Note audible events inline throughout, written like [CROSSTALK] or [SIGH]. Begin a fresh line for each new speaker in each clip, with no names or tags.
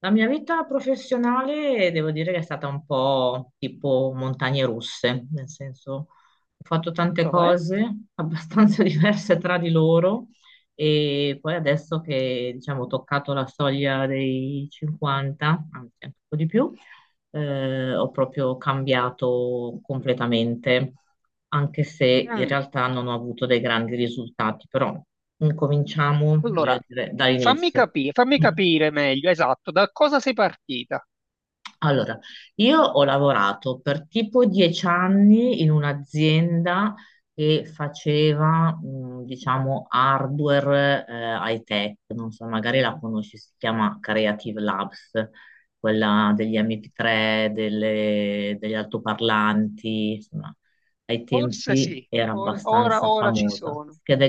La mia vita professionale devo dire che è stata un po' tipo montagne russe, nel senso ho fatto tante
Lo è?
cose abbastanza [LAUGHS] diverse tra di loro e poi adesso che diciamo ho toccato la soglia dei 50, anzi anche un po' di più, ho proprio cambiato completamente, anche se in
Mm.
realtà non ho avuto dei grandi risultati, però incominciamo, voglio
Allora,
dire, dall'inizio.
fammi capire meglio, esatto, da cosa sei partita?
Allora, io ho lavorato per tipo 10 anni in un'azienda che faceva, diciamo, hardware, high-tech, non so, magari la conosci, si chiama Creative Labs, quella degli
Mm.
MP3, degli altoparlanti, insomma, ai
Forse
tempi
sì,
era
ora,
abbastanza
ora ci
famosa.
sono.
Schede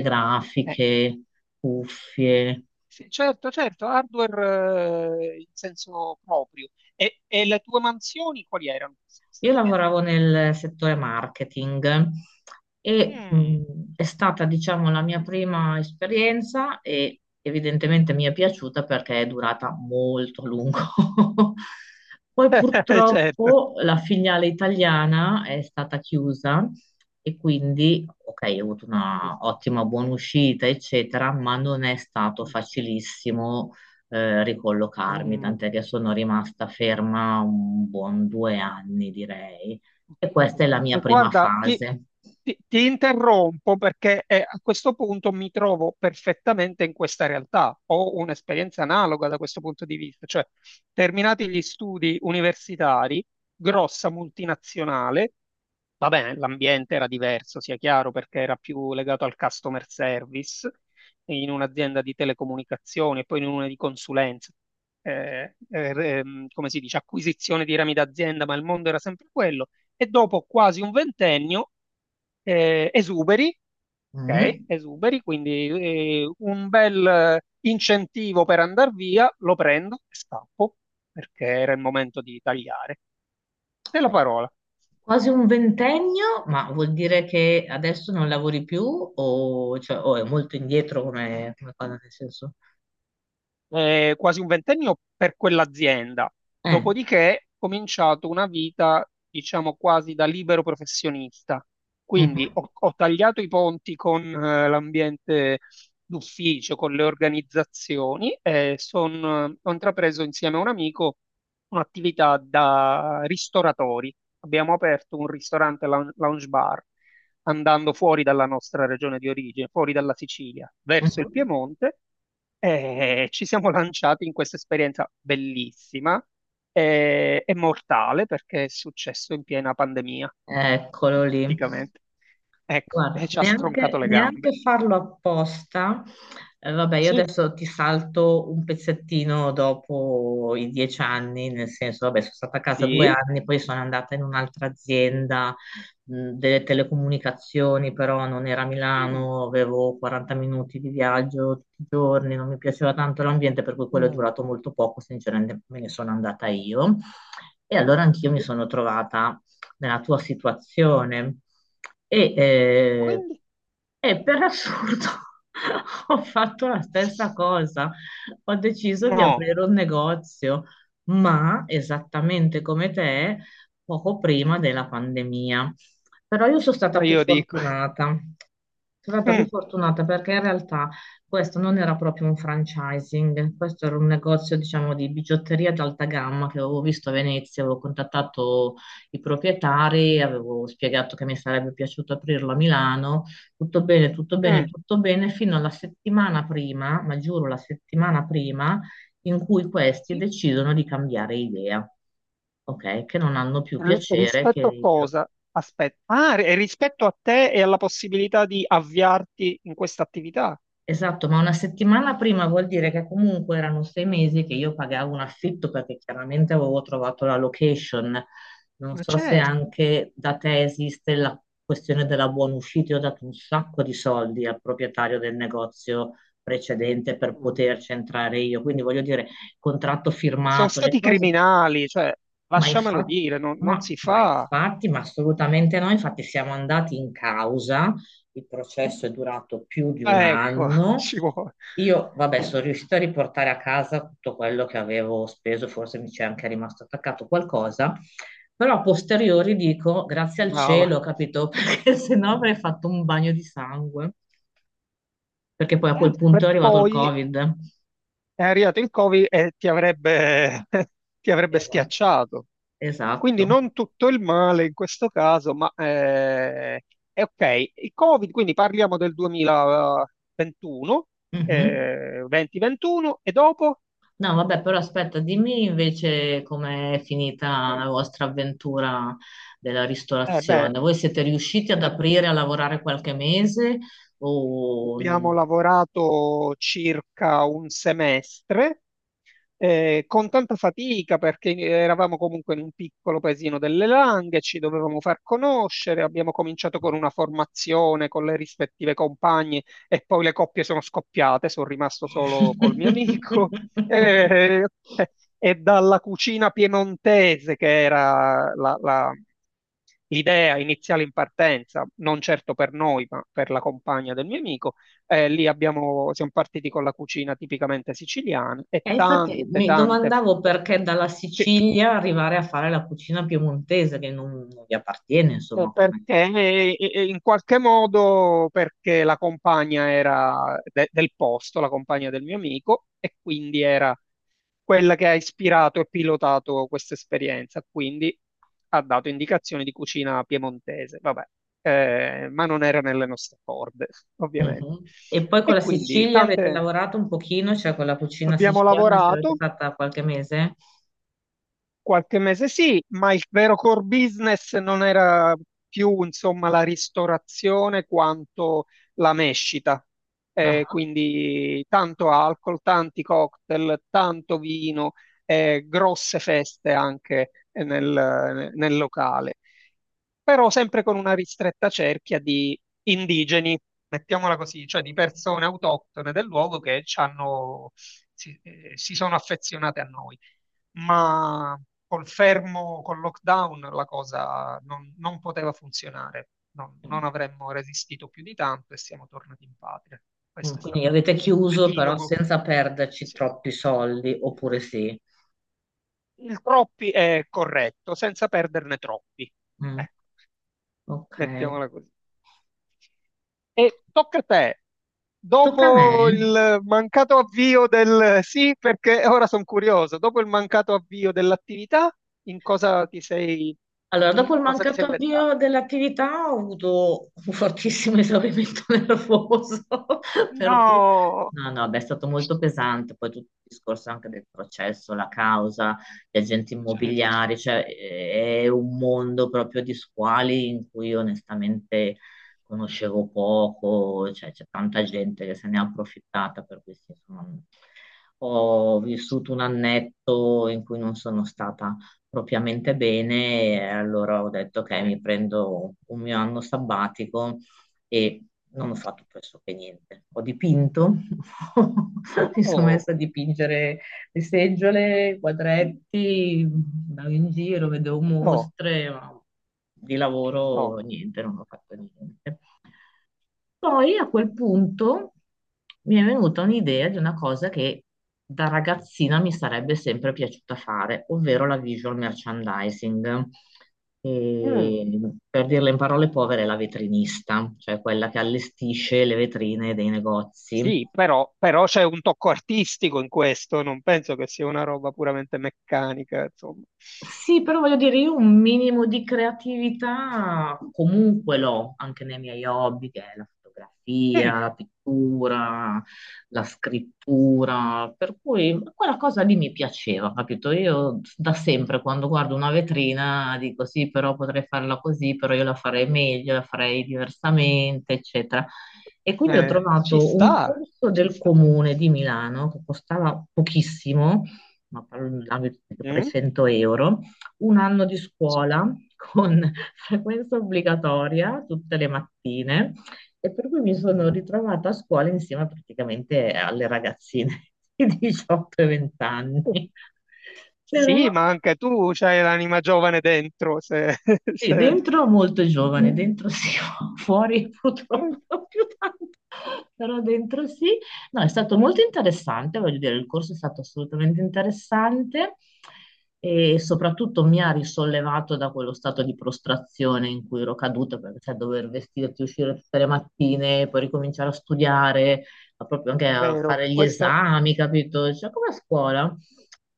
Eh,
grafiche, cuffie.
sì, certo, certo, hardware, in senso proprio. E le tue mansioni quali erano? Su Questa
Io
azienda?
lavoravo nel settore marketing e
Mm.
è stata, diciamo, la mia prima esperienza e evidentemente mi è piaciuta perché è durata molto a lungo. [LAUGHS] Poi
[LAUGHS] Certo.
purtroppo la filiale italiana è stata chiusa e quindi, ok, ho avuto una ottima buona uscita, eccetera, ma non è stato facilissimo ricollocarmi, tant'è che
Mm.
sono rimasta ferma un buon 2 anni, direi. E
Ok.
questa è la mia
E
prima
guarda,
fase.
ti interrompo perché a questo punto mi trovo perfettamente in questa realtà. Ho un'esperienza analoga da questo punto di vista, cioè terminati gli studi universitari, grossa multinazionale. Va bene, l'ambiente era diverso, sia chiaro, perché era più legato al customer service in un'azienda di telecomunicazioni e poi in una di consulenza. Come si dice, acquisizione di rami d'azienda, ma il mondo era sempre quello. E dopo quasi un ventennio, esuberi, ok,
Mm.
esuberi, quindi un bel incentivo per andare via, lo prendo e scappo, perché era il momento di tagliare. Te la parola.
Quasi un ventennio, ma vuol dire che adesso non lavori più o, cioè, o è molto indietro, come cosa, nel senso?
Quasi un ventennio per quell'azienda.
Eh,
Dopodiché ho cominciato una vita, diciamo, quasi da libero professionista. Quindi
mhm,
ho tagliato i ponti con l'ambiente d'ufficio, con le organizzazioni e ho intrapreso insieme a un amico un'attività da ristoratori. Abbiamo aperto un ristorante lounge bar andando fuori dalla nostra regione di origine, fuori dalla Sicilia, verso il
mhm.
Piemonte e ci siamo lanciati in questa esperienza bellissima e mortale perché è successo in piena pandemia,
Eccolo lì.
praticamente. Ecco, e
Guarda,
ci ha
neanche,
stroncato le gambe.
neanche farlo apposta. Vabbè, io
Sì,
adesso ti salto un pezzettino dopo i 10 anni, nel senso, vabbè, sono stata a casa due
sì.
anni, poi sono andata in un'altra azienda delle telecomunicazioni, però non era a
Mm,
Milano, avevo 40 minuti di viaggio tutti i giorni, non mi piaceva tanto l'ambiente, per cui quello è
mm,
durato molto poco, sinceramente me ne sono andata io. E allora anch'io mi
sì.
sono trovata nella tua situazione e eh,
Quindi,
e per assurdo [LAUGHS] ho fatto la stessa cosa. Ho deciso di
no,
aprire un negozio, ma esattamente come te, poco prima della pandemia. Però io sono stata
allora
più
io dico,
fortunata. Sono stata
mm,
più fortunata perché in realtà questo non era proprio un franchising, questo era un negozio, diciamo, di bigiotteria d'alta gamma che avevo visto a Venezia, avevo contattato i proprietari, avevo spiegato che mi sarebbe piaciuto aprirlo a Milano. Tutto bene, tutto bene,
mm,
tutto bene, fino alla settimana prima, ma giuro la settimana prima, in cui questi
sì.
decidono di cambiare idea, ok? Che non hanno più piacere che
Rispetto a
il.
cosa? Aspetta, ah, rispetto a te e alla possibilità di avviarti in questa attività?
Esatto, ma una settimana prima vuol dire che comunque erano 6 mesi che io pagavo un affitto perché chiaramente avevo trovato la location. Non
Ma
so se
certo.
anche da te esiste la questione della buona uscita. Io ho dato un sacco di soldi al proprietario del negozio precedente per poterci entrare io. Quindi voglio dire, contratto
Sono
firmato, le
stati
cose.
criminali, cioè,
ma
lasciamelo
infatti,
dire, non, non
ma,
si
ma
fa.
infatti, ma assolutamente no, infatti siamo andati in causa, il processo è durato più di un
Ecco, [LAUGHS]
anno.
ci vuole.
Io, vabbè, sono riuscita a riportare a casa tutto quello che avevo speso, forse mi c'è anche rimasto attaccato qualcosa, però a posteriori dico grazie al cielo,
Brava.
capito? [LAUGHS] Perché se no avrei fatto un bagno di sangue, perché poi a quel
Per
punto è arrivato il
poi
Covid.
è arrivato il Covid e ti avrebbe, [LAUGHS] ti avrebbe
Esatto.
schiacciato. Quindi
Esatto.
non tutto il male in questo caso, ma è ok. Il Covid, quindi parliamo del 2021,
Mhm.
2021 e dopo?
No, vabbè, però aspetta, dimmi invece com'è finita
Mm.
la vostra avventura della
Eh beh,
ristorazione. Voi siete riusciti ad aprire a lavorare qualche mese o...
abbiamo lavorato circa un semestre, con tanta fatica perché eravamo comunque in un piccolo paesino delle Langhe, ci dovevamo far conoscere, abbiamo cominciato con una formazione con le rispettive compagne e poi le coppie sono scoppiate, sono rimasto solo col mio amico. [LAUGHS] Eh,
[LAUGHS]
e dalla cucina piemontese, che era la idea iniziale in partenza, non certo per noi, ma per la compagna del mio amico. Lì abbiamo, siamo partiti con la cucina tipicamente siciliana e
E infatti
tante,
mi
tante,
domandavo perché dalla
sì.
Sicilia arrivare a fare la cucina piemontese che non vi appartiene, insomma, come...
Perché in qualche modo perché la compagna era del posto, la compagna del mio amico, e quindi era quella che ha ispirato e pilotato questa esperienza. Quindi ha dato indicazioni di cucina piemontese, vabbè, ma non era nelle nostre corde, [LAUGHS] ovviamente.
Mhm. E poi con
E
la
quindi
Sicilia avete
tante
lavorato un pochino, cioè con la cucina
abbiamo
siciliana ce l'avete
lavorato,
fatta qualche mese?
qualche mese sì, ma il vero core business non era più, insomma, la ristorazione quanto la mescita.
Ah.
Quindi tanto alcol, tanti cocktail, tanto vino, grosse feste anche nel, nel locale, però sempre con una ristretta cerchia di indigeni, mettiamola così, cioè di persone autoctone del luogo che ci hanno- si si sono affezionate a noi ma col fermo, col lockdown, la cosa non, non poteva funzionare. Non, non avremmo resistito più di tanto e siamo tornati in patria.
Mm.
Questo è
Quindi
stato
avete chiuso però
l'epilogo.
senza perderci
Sì.
troppi soldi, oppure sì.
Il troppi è corretto, senza perderne troppi.
Mm,
Ecco,
ok.
mettiamola così. E tocca a te.
Tocca a me.
Dopo il mancato avvio del sì, perché ora sono curioso, dopo il mancato avvio dell'attività, in cosa ti sei,
Allora,
in
dopo il
cosa ti sei
mancato
inventato?
avvio dell'attività ho avuto un fortissimo [LAUGHS] esaurimento nervoso, [LAUGHS] per cui
No,
no, no, beh, è stato molto pesante, poi tutto il discorso anche del processo, la causa, gli agenti
certo.
immobiliari, cioè è un mondo proprio di squali in cui onestamente conoscevo poco, cioè c'è tanta gente che se ne è approfittata, per cui sì, insomma, ho vissuto un annetto in cui non sono stata propriamente bene, e allora ho detto ok,
Eh,
mi prendo un mio anno sabbatico e non ho fatto pressoché niente. Ho dipinto, [LAUGHS] mi sono
oh,
messa a dipingere le seggiole, i quadretti, andavo in giro, vedevo
no,
mostre, ma di lavoro
no.
niente, non ho fatto niente. Poi a quel punto mi è venuta un'idea di una cosa che da ragazzina mi sarebbe sempre piaciuta fare, ovvero la visual merchandising.
Mm.
E, per dirla in parole povere, la vetrinista, cioè quella che allestisce le vetrine dei negozi.
Sì, però, però c'è un tocco artistico in questo, non penso che sia una roba puramente meccanica, insomma.
Sì, però voglio dire, io un minimo di creatività comunque l'ho, anche nei miei hobby, che è la
Mm,
fotografia, la pittura, la scrittura, per cui quella cosa lì mi piaceva, capito? Io da sempre quando guardo una vetrina dico sì, però potrei farla così, però io la farei meglio, la farei diversamente, eccetera. E quindi ho
ci
trovato un
sta,
corso
ci
del
sta.
comune di Milano che costava pochissimo, ma parlavi di
Mm,
300 euro, 1 anno di
ci-
scuola [LAUGHS] con frequenza obbligatoria tutte le mattine e per cui mi sono
eh,
ritrovata a scuola insieme praticamente alle ragazzine [LAUGHS] di 18 e 20 anni. Però
sì, ma anche tu c'hai l'anima giovane dentro, se, [LAUGHS]
sì,
se-
dentro molto giovane, dentro sì, [LAUGHS] fuori
eh,
purtroppo non più tanto, però dentro sì. No, è stato molto interessante, voglio dire, il corso è stato assolutamente interessante e soprattutto mi ha risollevato da quello stato di prostrazione in cui ero caduta, perché sai, dover vestirti, uscire tutte le mattine, poi ricominciare a studiare, a proprio anche a
vero,
fare gli
questa,
esami, capito? Cioè, come a scuola.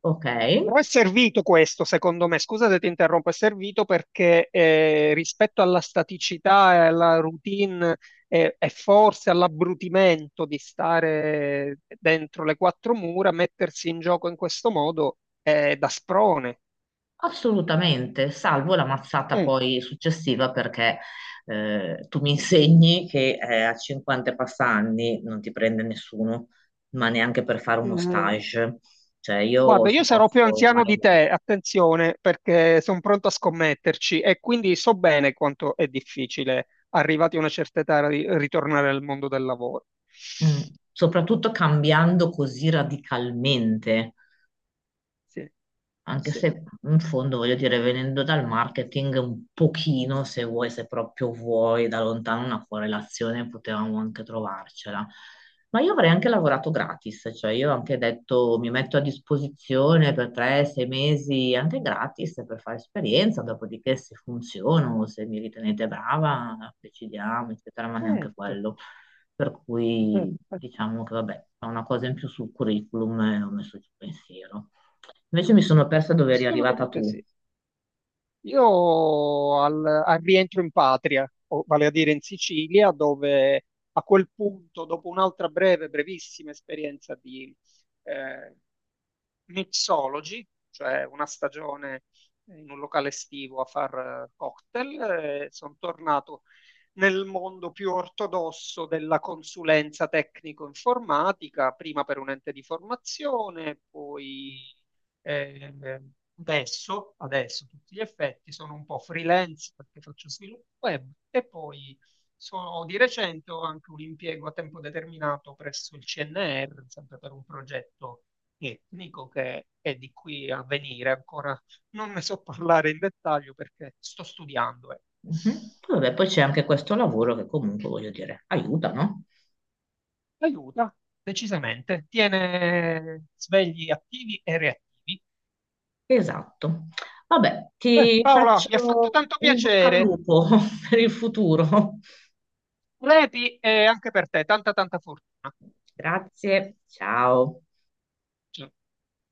Ok.
però è servito questo, secondo me, scusa se ti interrompo, è servito perché rispetto alla staticità e alla routine e forse all'abbrutimento di stare dentro le quattro mura, mettersi in gioco in questo modo è da sprone.
Assolutamente, salvo la mazzata
Mm.
poi successiva perché tu mi [LAUGHS] insegni che a 50 e passa anni non ti prende nessuno, ma neanche per fare uno
Mm.
stage. Cioè io ho
Guarda, io sarò più
smosso, ma-
anziano di te, attenzione, perché sono pronto a scommetterci e quindi so bene quanto è difficile, arrivati a una certa età, ritornare al mondo del lavoro.
mm, soprattutto cambiando così radicalmente.
Sì,
Anche
sì.
se in fondo voglio dire, venendo dal marketing un pochino, se vuoi, se proprio vuoi, da lontano una correlazione potevamo anche trovarcela. Ma io avrei anche lavorato gratis, cioè io ho anche detto mi metto a disposizione per 3, 6 mesi, anche gratis per fare esperienza, dopodiché se funziono, se mi ritenete brava, decidiamo, eccetera, ma neanche
Certo,
quello. Per
beh,
cui diciamo che vabbè, è una cosa in più sul curriculum e ho messo il pensiero. Invece mi sono persa dove eri arrivata
assolutamente
tu.
sì. Io al rientro in patria, o vale a dire in Sicilia, dove a quel punto, dopo un'altra breve, brevissima esperienza di, eh, mixology, cioè una stagione in un locale estivo a far cocktail. Sono tornato nel mondo più ortodosso della consulenza tecnico-informatica, prima per un ente di formazione, poi eh, adesso, adesso a tutti gli effetti, sono un po' freelance perché faccio sviluppo web e poi di recente ho anche un impiego a tempo determinato presso il CNR, sempre per un progetto etnico che è di qui a venire, ancora non ne so parlare in dettaglio perché sto studiando.
Mhm. Vabbè, poi c'è anche questo lavoro che comunque, voglio dire, aiuta, no?
Aiuta, decisamente, tiene svegli attivi e reattivi.
Esatto. Vabbè, ti
Paola, mi ha fatto
faccio
tanto
in bocca al
piacere.
lupo [LAUGHS] per il futuro.
Repi e anche per te, tanta tanta fortuna.
Grazie, ciao.
Ciao.